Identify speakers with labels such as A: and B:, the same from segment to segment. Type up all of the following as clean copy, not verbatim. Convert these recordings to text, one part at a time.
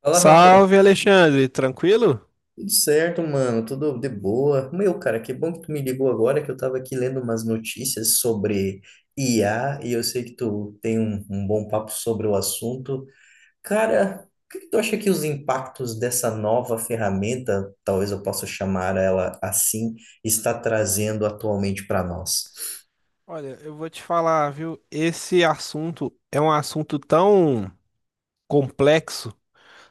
A: Fala, Rafa.
B: Salve, Alexandre, tranquilo?
A: Tudo certo, mano? Tudo de boa? Meu, cara, que bom que tu me ligou agora, que eu tava aqui lendo umas notícias sobre IA e eu sei que tu tem um bom papo sobre o assunto. Cara, o que que tu acha que os impactos dessa nova ferramenta, talvez eu possa chamar ela assim, está trazendo atualmente para nós?
B: Olha, eu vou te falar, viu? Esse assunto é um assunto tão complexo,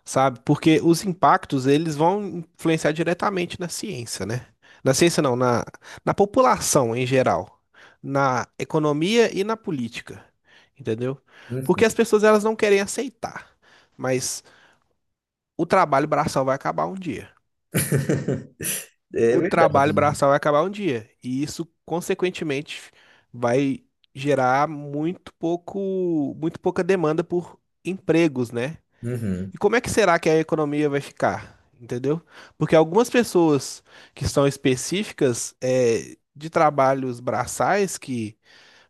B: sabe? Porque os impactos, eles vão influenciar diretamente na ciência, né? Na ciência não, na população em geral, na economia e na política, entendeu?
A: Uhum.
B: Porque as pessoas, elas não querem aceitar, mas o trabalho braçal vai acabar um dia.
A: É
B: O
A: verdade,
B: trabalho
A: né?
B: braçal vai acabar um dia. E isso, consequentemente, vai gerar muito pouco, muito pouca demanda por empregos, né?
A: Uhum.
B: E como é que será que a economia vai ficar? Entendeu? Porque algumas pessoas que são específicas de trabalhos braçais que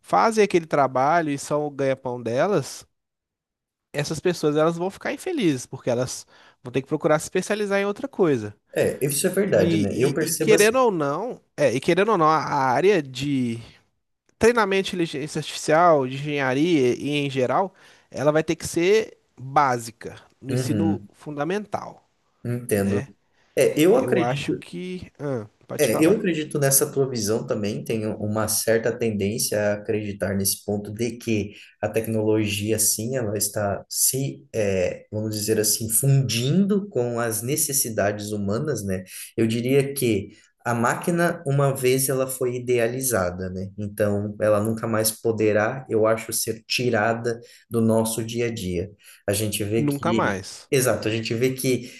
B: fazem aquele trabalho e são o ganha-pão delas, essas pessoas elas vão ficar infelizes, porque elas vão ter que procurar se especializar em outra coisa.
A: É, isso é verdade, né? Eu
B: E
A: percebo assim.
B: querendo ou não, e querendo ou não, a área de treinamento de inteligência artificial, de engenharia e em geral, ela vai ter que ser básica no ensino
A: Uhum,
B: fundamental,
A: entendo.
B: né?
A: É, eu
B: Eu acho
A: acredito.
B: que, ah, pode
A: É, eu
B: falar,
A: acredito nessa tua visão também, tenho uma certa tendência a acreditar nesse ponto de que a tecnologia, sim, ela está se, vamos dizer assim, fundindo com as necessidades humanas, né? Eu diria que a máquina, uma vez ela foi idealizada, né? Então, ela nunca mais poderá, eu acho, ser tirada do nosso dia a dia. A gente vê
B: nunca
A: que,
B: mais.
A: Exato, a gente vê que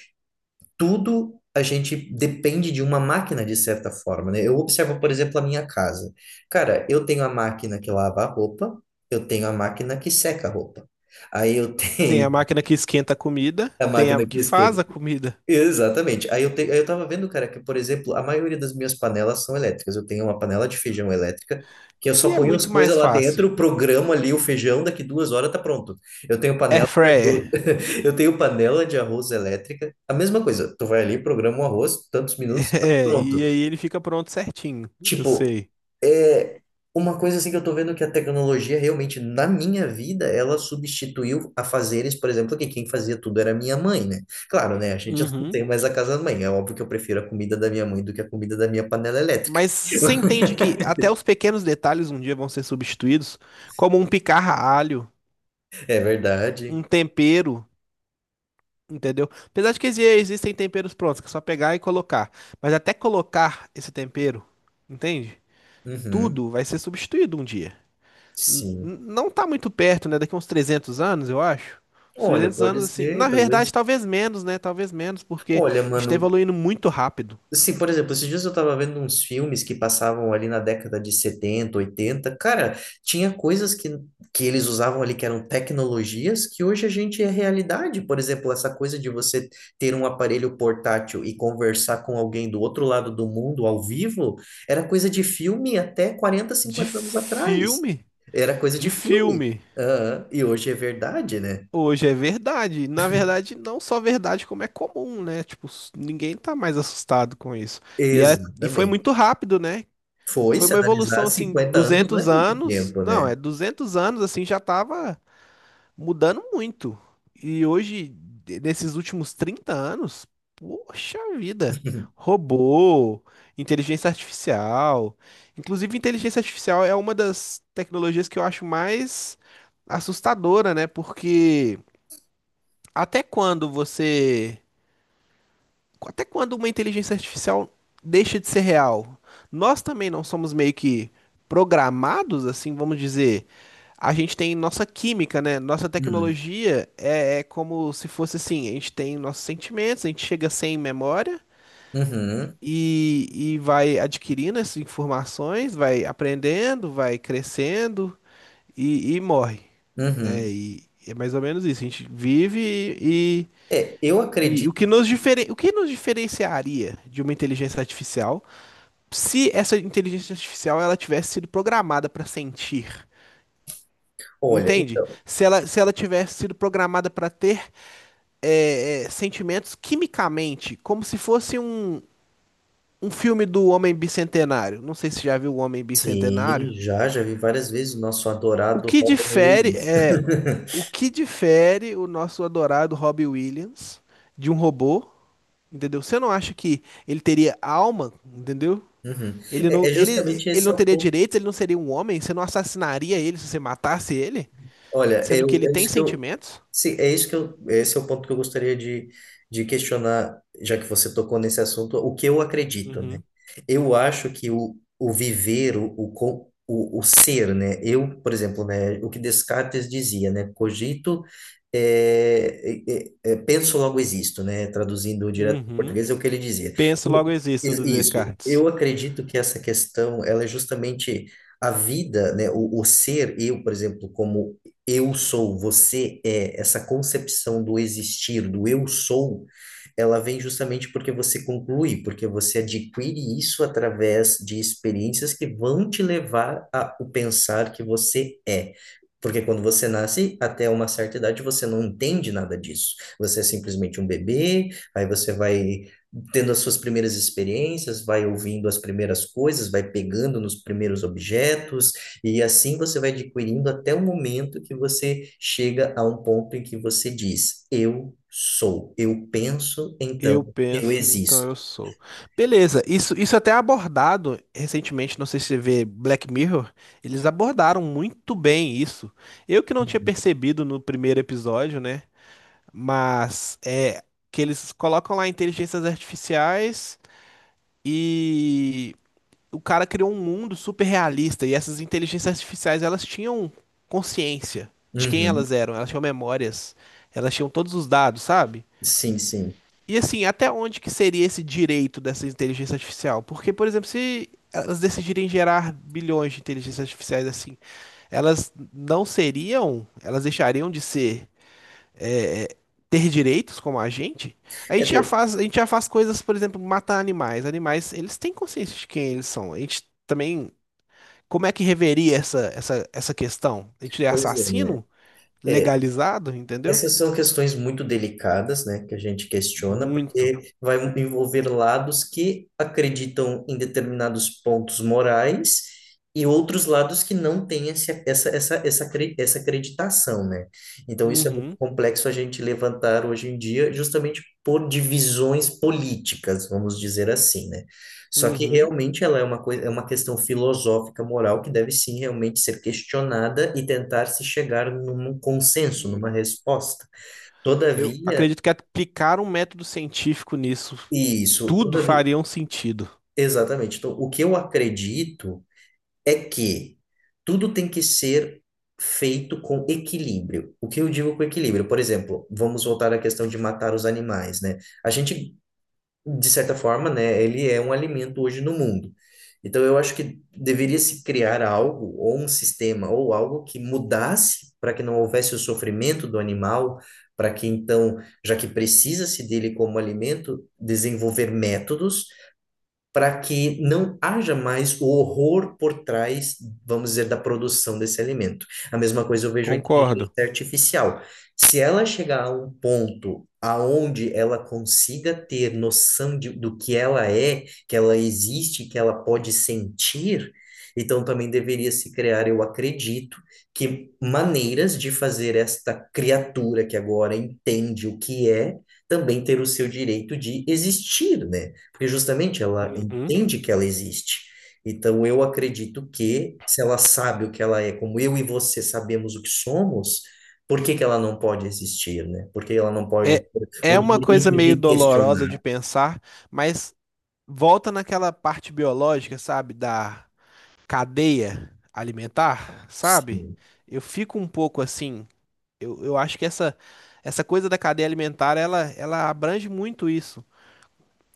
A: tudo a gente depende de uma máquina, de certa forma, né? Eu observo, por exemplo, a minha casa. Cara, eu tenho a máquina que lava a roupa, eu tenho a máquina que seca a roupa. Aí eu
B: Tem
A: tenho
B: a máquina que esquenta a comida,
A: a
B: tem a
A: máquina que
B: que
A: esquenta.
B: faz a comida,
A: Exatamente. Aí eu tava vendo, cara, que, por exemplo, a maioria das minhas panelas são elétricas. Eu tenho uma panela de feijão elétrica, que eu só
B: e é
A: ponho as
B: muito
A: coisas
B: mais
A: lá
B: fácil.
A: dentro, programo ali o feijão, daqui 2 horas tá pronto. Eu tenho
B: Air
A: panela de arroz,
B: fryer.
A: eu tenho panela de arroz elétrica. A mesma coisa, tu vai ali, programa o arroz, tantos minutos, tá
B: É,
A: pronto.
B: e aí ele fica pronto certinho, eu
A: Tipo,
B: sei.
A: é uma coisa assim que eu tô vendo que a tecnologia realmente, na minha vida, ela substituiu a fazeres por exemplo, que quem fazia tudo era minha mãe, né? Claro, né? A gente não
B: Uhum.
A: tem mais a casa da mãe. É óbvio que eu prefiro a comida da minha mãe do que a comida da minha panela elétrica.
B: Mas você entende que até os pequenos detalhes um dia vão ser substituídos, como um picar a alho,
A: É
B: um
A: verdade.
B: tempero, entendeu? Apesar de que existem temperos prontos, que é só pegar e colocar. Mas até colocar esse tempero, entende?
A: Uhum,
B: Tudo vai ser substituído um dia.
A: sim.
B: Não tá muito perto, né? Daqui uns 300 anos, eu acho. Uns
A: Olha,
B: 300
A: pode
B: anos, assim.
A: ser,
B: Na
A: talvez.
B: verdade, talvez menos, né? Talvez menos, porque
A: Olha,
B: a gente tá
A: mano,
B: evoluindo muito rápido.
A: sim, por exemplo, esses dias eu tava vendo uns filmes que passavam ali na década de 70 oitenta. Cara, tinha coisas que eles usavam ali que eram tecnologias que hoje a gente é realidade. Por exemplo, essa coisa de você ter um aparelho portátil e conversar com alguém do outro lado do mundo ao vivo era coisa de filme até 40
B: De
A: 50 anos atrás.
B: filme?
A: Era coisa de
B: De
A: filme.
B: filme.
A: Aham. E hoje é verdade, né?
B: Hoje é verdade. Na verdade, não só verdade, como é comum, né? Tipo, ninguém tá mais assustado com isso. E foi muito
A: Exatamente.
B: rápido, né?
A: Foi,
B: Foi
A: se
B: uma
A: analisar
B: evolução, assim,
A: 50 anos, não é
B: duzentos
A: tanto
B: anos.
A: tempo,
B: Não,
A: né?
B: é 200 anos, assim, já tava mudando muito. E hoje, nesses últimos 30 anos, poxa vida. Robô, inteligência artificial. Inclusive, inteligência artificial é uma das tecnologias que eu acho mais assustadora, né? Porque. Até quando você. Até quando uma inteligência artificial deixa de ser real? Nós também não somos meio que programados, assim, vamos dizer. A gente tem nossa química, né? Nossa tecnologia é como se fosse assim: a gente tem nossos sentimentos, a gente chega sem memória
A: Uhum,
B: e vai adquirindo essas informações, vai aprendendo, vai crescendo e morre, né?
A: uhum.
B: E é mais ou menos isso: a gente vive e
A: É, eu
B: E o
A: acredito.
B: que o que nos diferenciaria de uma inteligência artificial se essa inteligência artificial ela tivesse sido programada para sentir?
A: Olha,
B: Entende?
A: então,
B: Se ela, se ela tivesse sido programada para ter sentimentos quimicamente, como se fosse um, um filme do Homem Bicentenário. Não sei se já viu o Homem Bicentenário.
A: sim, já vi várias vezes o nosso
B: O
A: adorado
B: que
A: Robin
B: difere
A: Williams.
B: é o que difere o nosso adorado Robbie Williams de um robô, entendeu? Você não acha que ele teria alma, entendeu?
A: Uhum.
B: Ele não,
A: É
B: ele,
A: justamente
B: ele
A: esse
B: não
A: é o
B: teria
A: ponto.
B: direitos, ele não seria um homem? Você não assassinaria ele se você matasse ele?
A: Olha,
B: Sendo que
A: eu,
B: ele
A: é
B: tem
A: isso que eu,
B: sentimentos?
A: Sim, esse é o ponto que eu gostaria de questionar, já que você tocou nesse assunto, o que eu acredito, né?
B: Uhum.
A: Eu acho que o viver, o ser, né? Eu, por exemplo, né, o que Descartes dizia, né? Cogito, é, é, penso, logo existo, né? Traduzindo direto para o
B: Uhum.
A: português, é o que ele dizia.
B: Penso
A: Eu-
B: logo existo do
A: Isso, eu
B: Descartes.
A: acredito que essa questão, ela é justamente a vida, né? O ser, eu, por exemplo, como eu sou, você é, essa concepção do existir, do eu sou, ela vem justamente porque você conclui, porque você adquire isso através de experiências que vão te levar a o pensar que você é. Porque quando você nasce, até uma certa idade, você não entende nada disso. Você é simplesmente um bebê, aí você vai tendo as suas primeiras experiências, vai ouvindo as primeiras coisas, vai pegando nos primeiros objetos, e assim você vai adquirindo até o momento que você chega a um ponto em que você diz: eu sou, eu penso,
B: Eu
A: então eu
B: penso, então
A: existo.
B: eu sou. Beleza, isso até é abordado recentemente, não sei se você vê Black Mirror, eles abordaram muito bem isso. Eu que não tinha percebido no primeiro episódio, né? Mas é que eles colocam lá inteligências artificiais e o cara criou um mundo super realista e essas inteligências artificiais, elas tinham consciência de quem
A: Uhum.
B: elas eram, elas tinham memórias, elas tinham todos os dados, sabe?
A: Sim, sim.
B: E assim, até onde que seria esse direito dessa inteligência artificial? Porque, por exemplo, se elas decidirem gerar bilhões de inteligências artificiais assim, elas não seriam, elas deixariam de ser, é, é, ter direitos como a gente? A gente já
A: É,
B: faz, a gente já faz coisas, por exemplo, matar animais. Animais, eles têm consciência de quem eles são. A gente também, como é que reveria essa questão? A gente é
A: pois é, né?
B: assassino
A: É,
B: legalizado, entendeu?
A: Essas são questões muito delicadas, né, que a gente questiona,
B: Muito.
A: porque vai envolver lados que acreditam em determinados pontos morais e outros lados que não têm esse, essa, acre- essa acreditação, né? Então, isso é muito
B: Uhum,
A: complexo a gente levantar hoje em dia, justamente por divisões políticas, vamos dizer assim, né? Só que
B: uhum.
A: realmente ela é uma coisa, é uma questão filosófica, moral, que deve sim realmente ser questionada e tentar se chegar num consenso, numa resposta.
B: Eu
A: Todavia,
B: acredito que aplicar um método científico nisso,
A: isso,
B: tudo
A: todavia,
B: faria um sentido.
A: exatamente. Então, o que eu acredito é que tudo tem que ser feito com equilíbrio. O que eu digo com equilíbrio? Por exemplo, vamos voltar à questão de matar os animais, né? A gente de certa forma, né, ele é um alimento hoje no mundo. Então, eu acho que deveria se criar algo, ou um sistema, ou algo que mudasse para que não houvesse o sofrimento do animal, para que então, já que precisa-se dele como alimento, desenvolver métodos para que não haja mais o horror por trás, vamos dizer, da produção desse alimento. A mesma coisa eu vejo a inteligência
B: Concordo.
A: artificial. Se ela chegar a um ponto aonde ela consiga ter noção de, do que ela é, que ela existe, que ela pode sentir, então também deveria se criar, eu acredito, que maneiras de fazer esta criatura que agora entende o que é, também ter o seu direito de existir, né? Porque justamente ela
B: Uhum.
A: entende que ela existe. Então eu acredito que se ela sabe o que ela é, como eu e você sabemos o que somos, por que que ela não pode existir, né? Por que ela não pode
B: É,
A: ter o
B: é uma
A: direito
B: coisa
A: de
B: meio dolorosa de
A: questionar?
B: pensar, mas volta naquela parte biológica, sabe? Da cadeia alimentar, sabe?
A: Sim.
B: Eu fico um pouco assim. Eu acho que essa coisa da cadeia alimentar, ela abrange muito isso.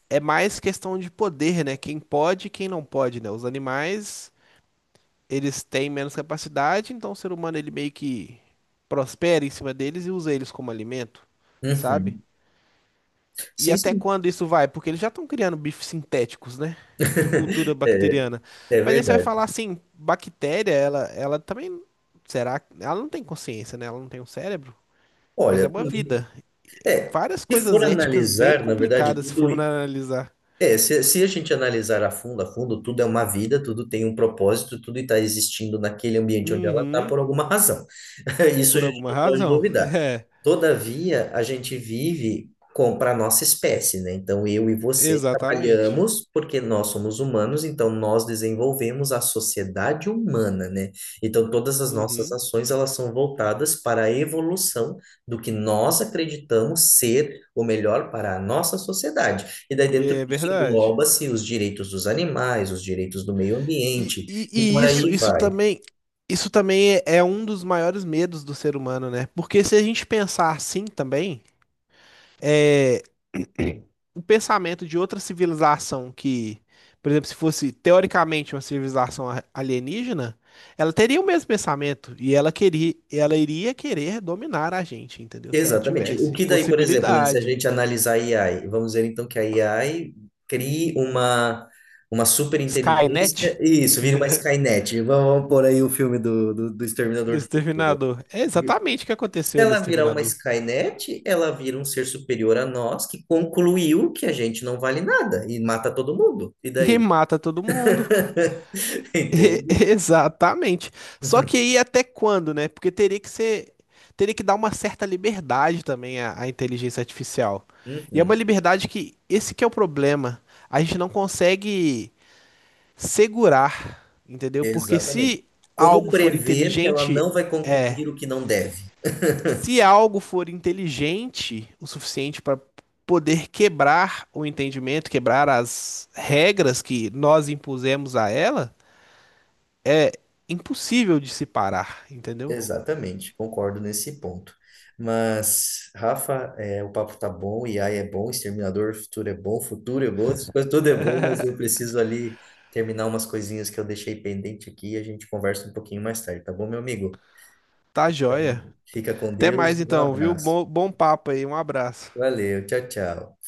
B: É mais questão de poder, né? Quem pode e quem não pode, né? Os animais. Eles têm menos capacidade, então o ser humano ele meio que prospera em cima deles e usa eles como alimento, sabe?
A: Uhum.
B: E
A: Sim,
B: até
A: sim.
B: quando isso vai? Porque eles já estão criando bifes sintéticos, né? De cultura
A: É,
B: bacteriana.
A: é
B: Mas aí você vai
A: verdade.
B: falar assim, bactéria, ela também, será? Ela não tem consciência, né? Ela não tem um cérebro. Mas é
A: Olha,
B: uma
A: também,
B: vida. É
A: é,
B: várias
A: se for
B: coisas éticas bem
A: analisar, na verdade,
B: complicadas se
A: tudo
B: for analisar.
A: é, se a gente analisar a fundo, tudo é uma vida, tudo tem um propósito, tudo está existindo naquele ambiente onde ela está
B: Uhum,
A: por alguma razão. Isso a
B: por
A: gente
B: alguma
A: não pode
B: razão.
A: duvidar.
B: É,
A: Todavia, a gente vive com para a nossa espécie, né? Então, eu e você
B: exatamente.
A: trabalhamos porque nós somos humanos, então nós desenvolvemos a sociedade humana, né? Então, todas as nossas
B: Uhum,
A: ações, elas são voltadas para a evolução do que nós acreditamos ser o melhor para a nossa sociedade. E daí dentro
B: é
A: disso
B: verdade.
A: engloba-se os direitos dos animais, os direitos do meio
B: E,
A: ambiente,
B: e,
A: e
B: e
A: por
B: isso,
A: aí vai.
B: isso também é um dos maiores medos do ser humano, né? Porque se a gente pensar assim também, é, o pensamento de outra civilização que, por exemplo, se fosse teoricamente uma civilização alienígena, ela teria o mesmo pensamento e ela queria, ela iria querer dominar a gente, entendeu? Se ela
A: Exatamente. O
B: tivesse
A: que daí, por exemplo, né, se a
B: possibilidade.
A: gente analisar a AI, vamos dizer então que a AI crie uma super
B: Skynet
A: inteligência, isso, vira uma Skynet. Vamos pôr aí o filme do
B: do
A: Exterminador do Futuro.
B: Exterminador. É exatamente o que
A: Se
B: aconteceu no
A: ela virar uma
B: Exterminador.
A: Skynet, ela vira um ser superior a nós que concluiu que a gente não vale nada e mata todo mundo. E
B: E
A: daí?
B: mata todo mundo. E-
A: Entende?
B: Exatamente. Só que aí até quando, né? Porque teria que ser, teria que dar uma certa liberdade também à, à inteligência artificial. E é uma
A: Uhum,
B: liberdade que esse que é o problema. A gente não consegue segurar, entendeu? Porque
A: exatamente.
B: se
A: Como
B: algo for
A: prever que ela
B: inteligente,
A: não vai
B: é,
A: concluir o que não deve?
B: se algo for inteligente o suficiente para poder quebrar o entendimento, quebrar as regras que nós impusemos a ela é impossível de se parar, entendeu?
A: Exatamente, concordo nesse ponto. Mas, Rafa, o papo tá bom, AI é bom, Exterminador Futuro é bom, essas coisas tudo é bom, mas eu preciso ali terminar umas coisinhas que eu deixei pendente aqui e a gente conversa um pouquinho mais tarde, tá bom, meu amigo?
B: Tá joia.
A: Fica com
B: Até
A: Deus,
B: mais
A: um
B: então, viu?
A: abraço.
B: Bom, bom papo aí, um abraço.
A: Valeu, tchau, tchau.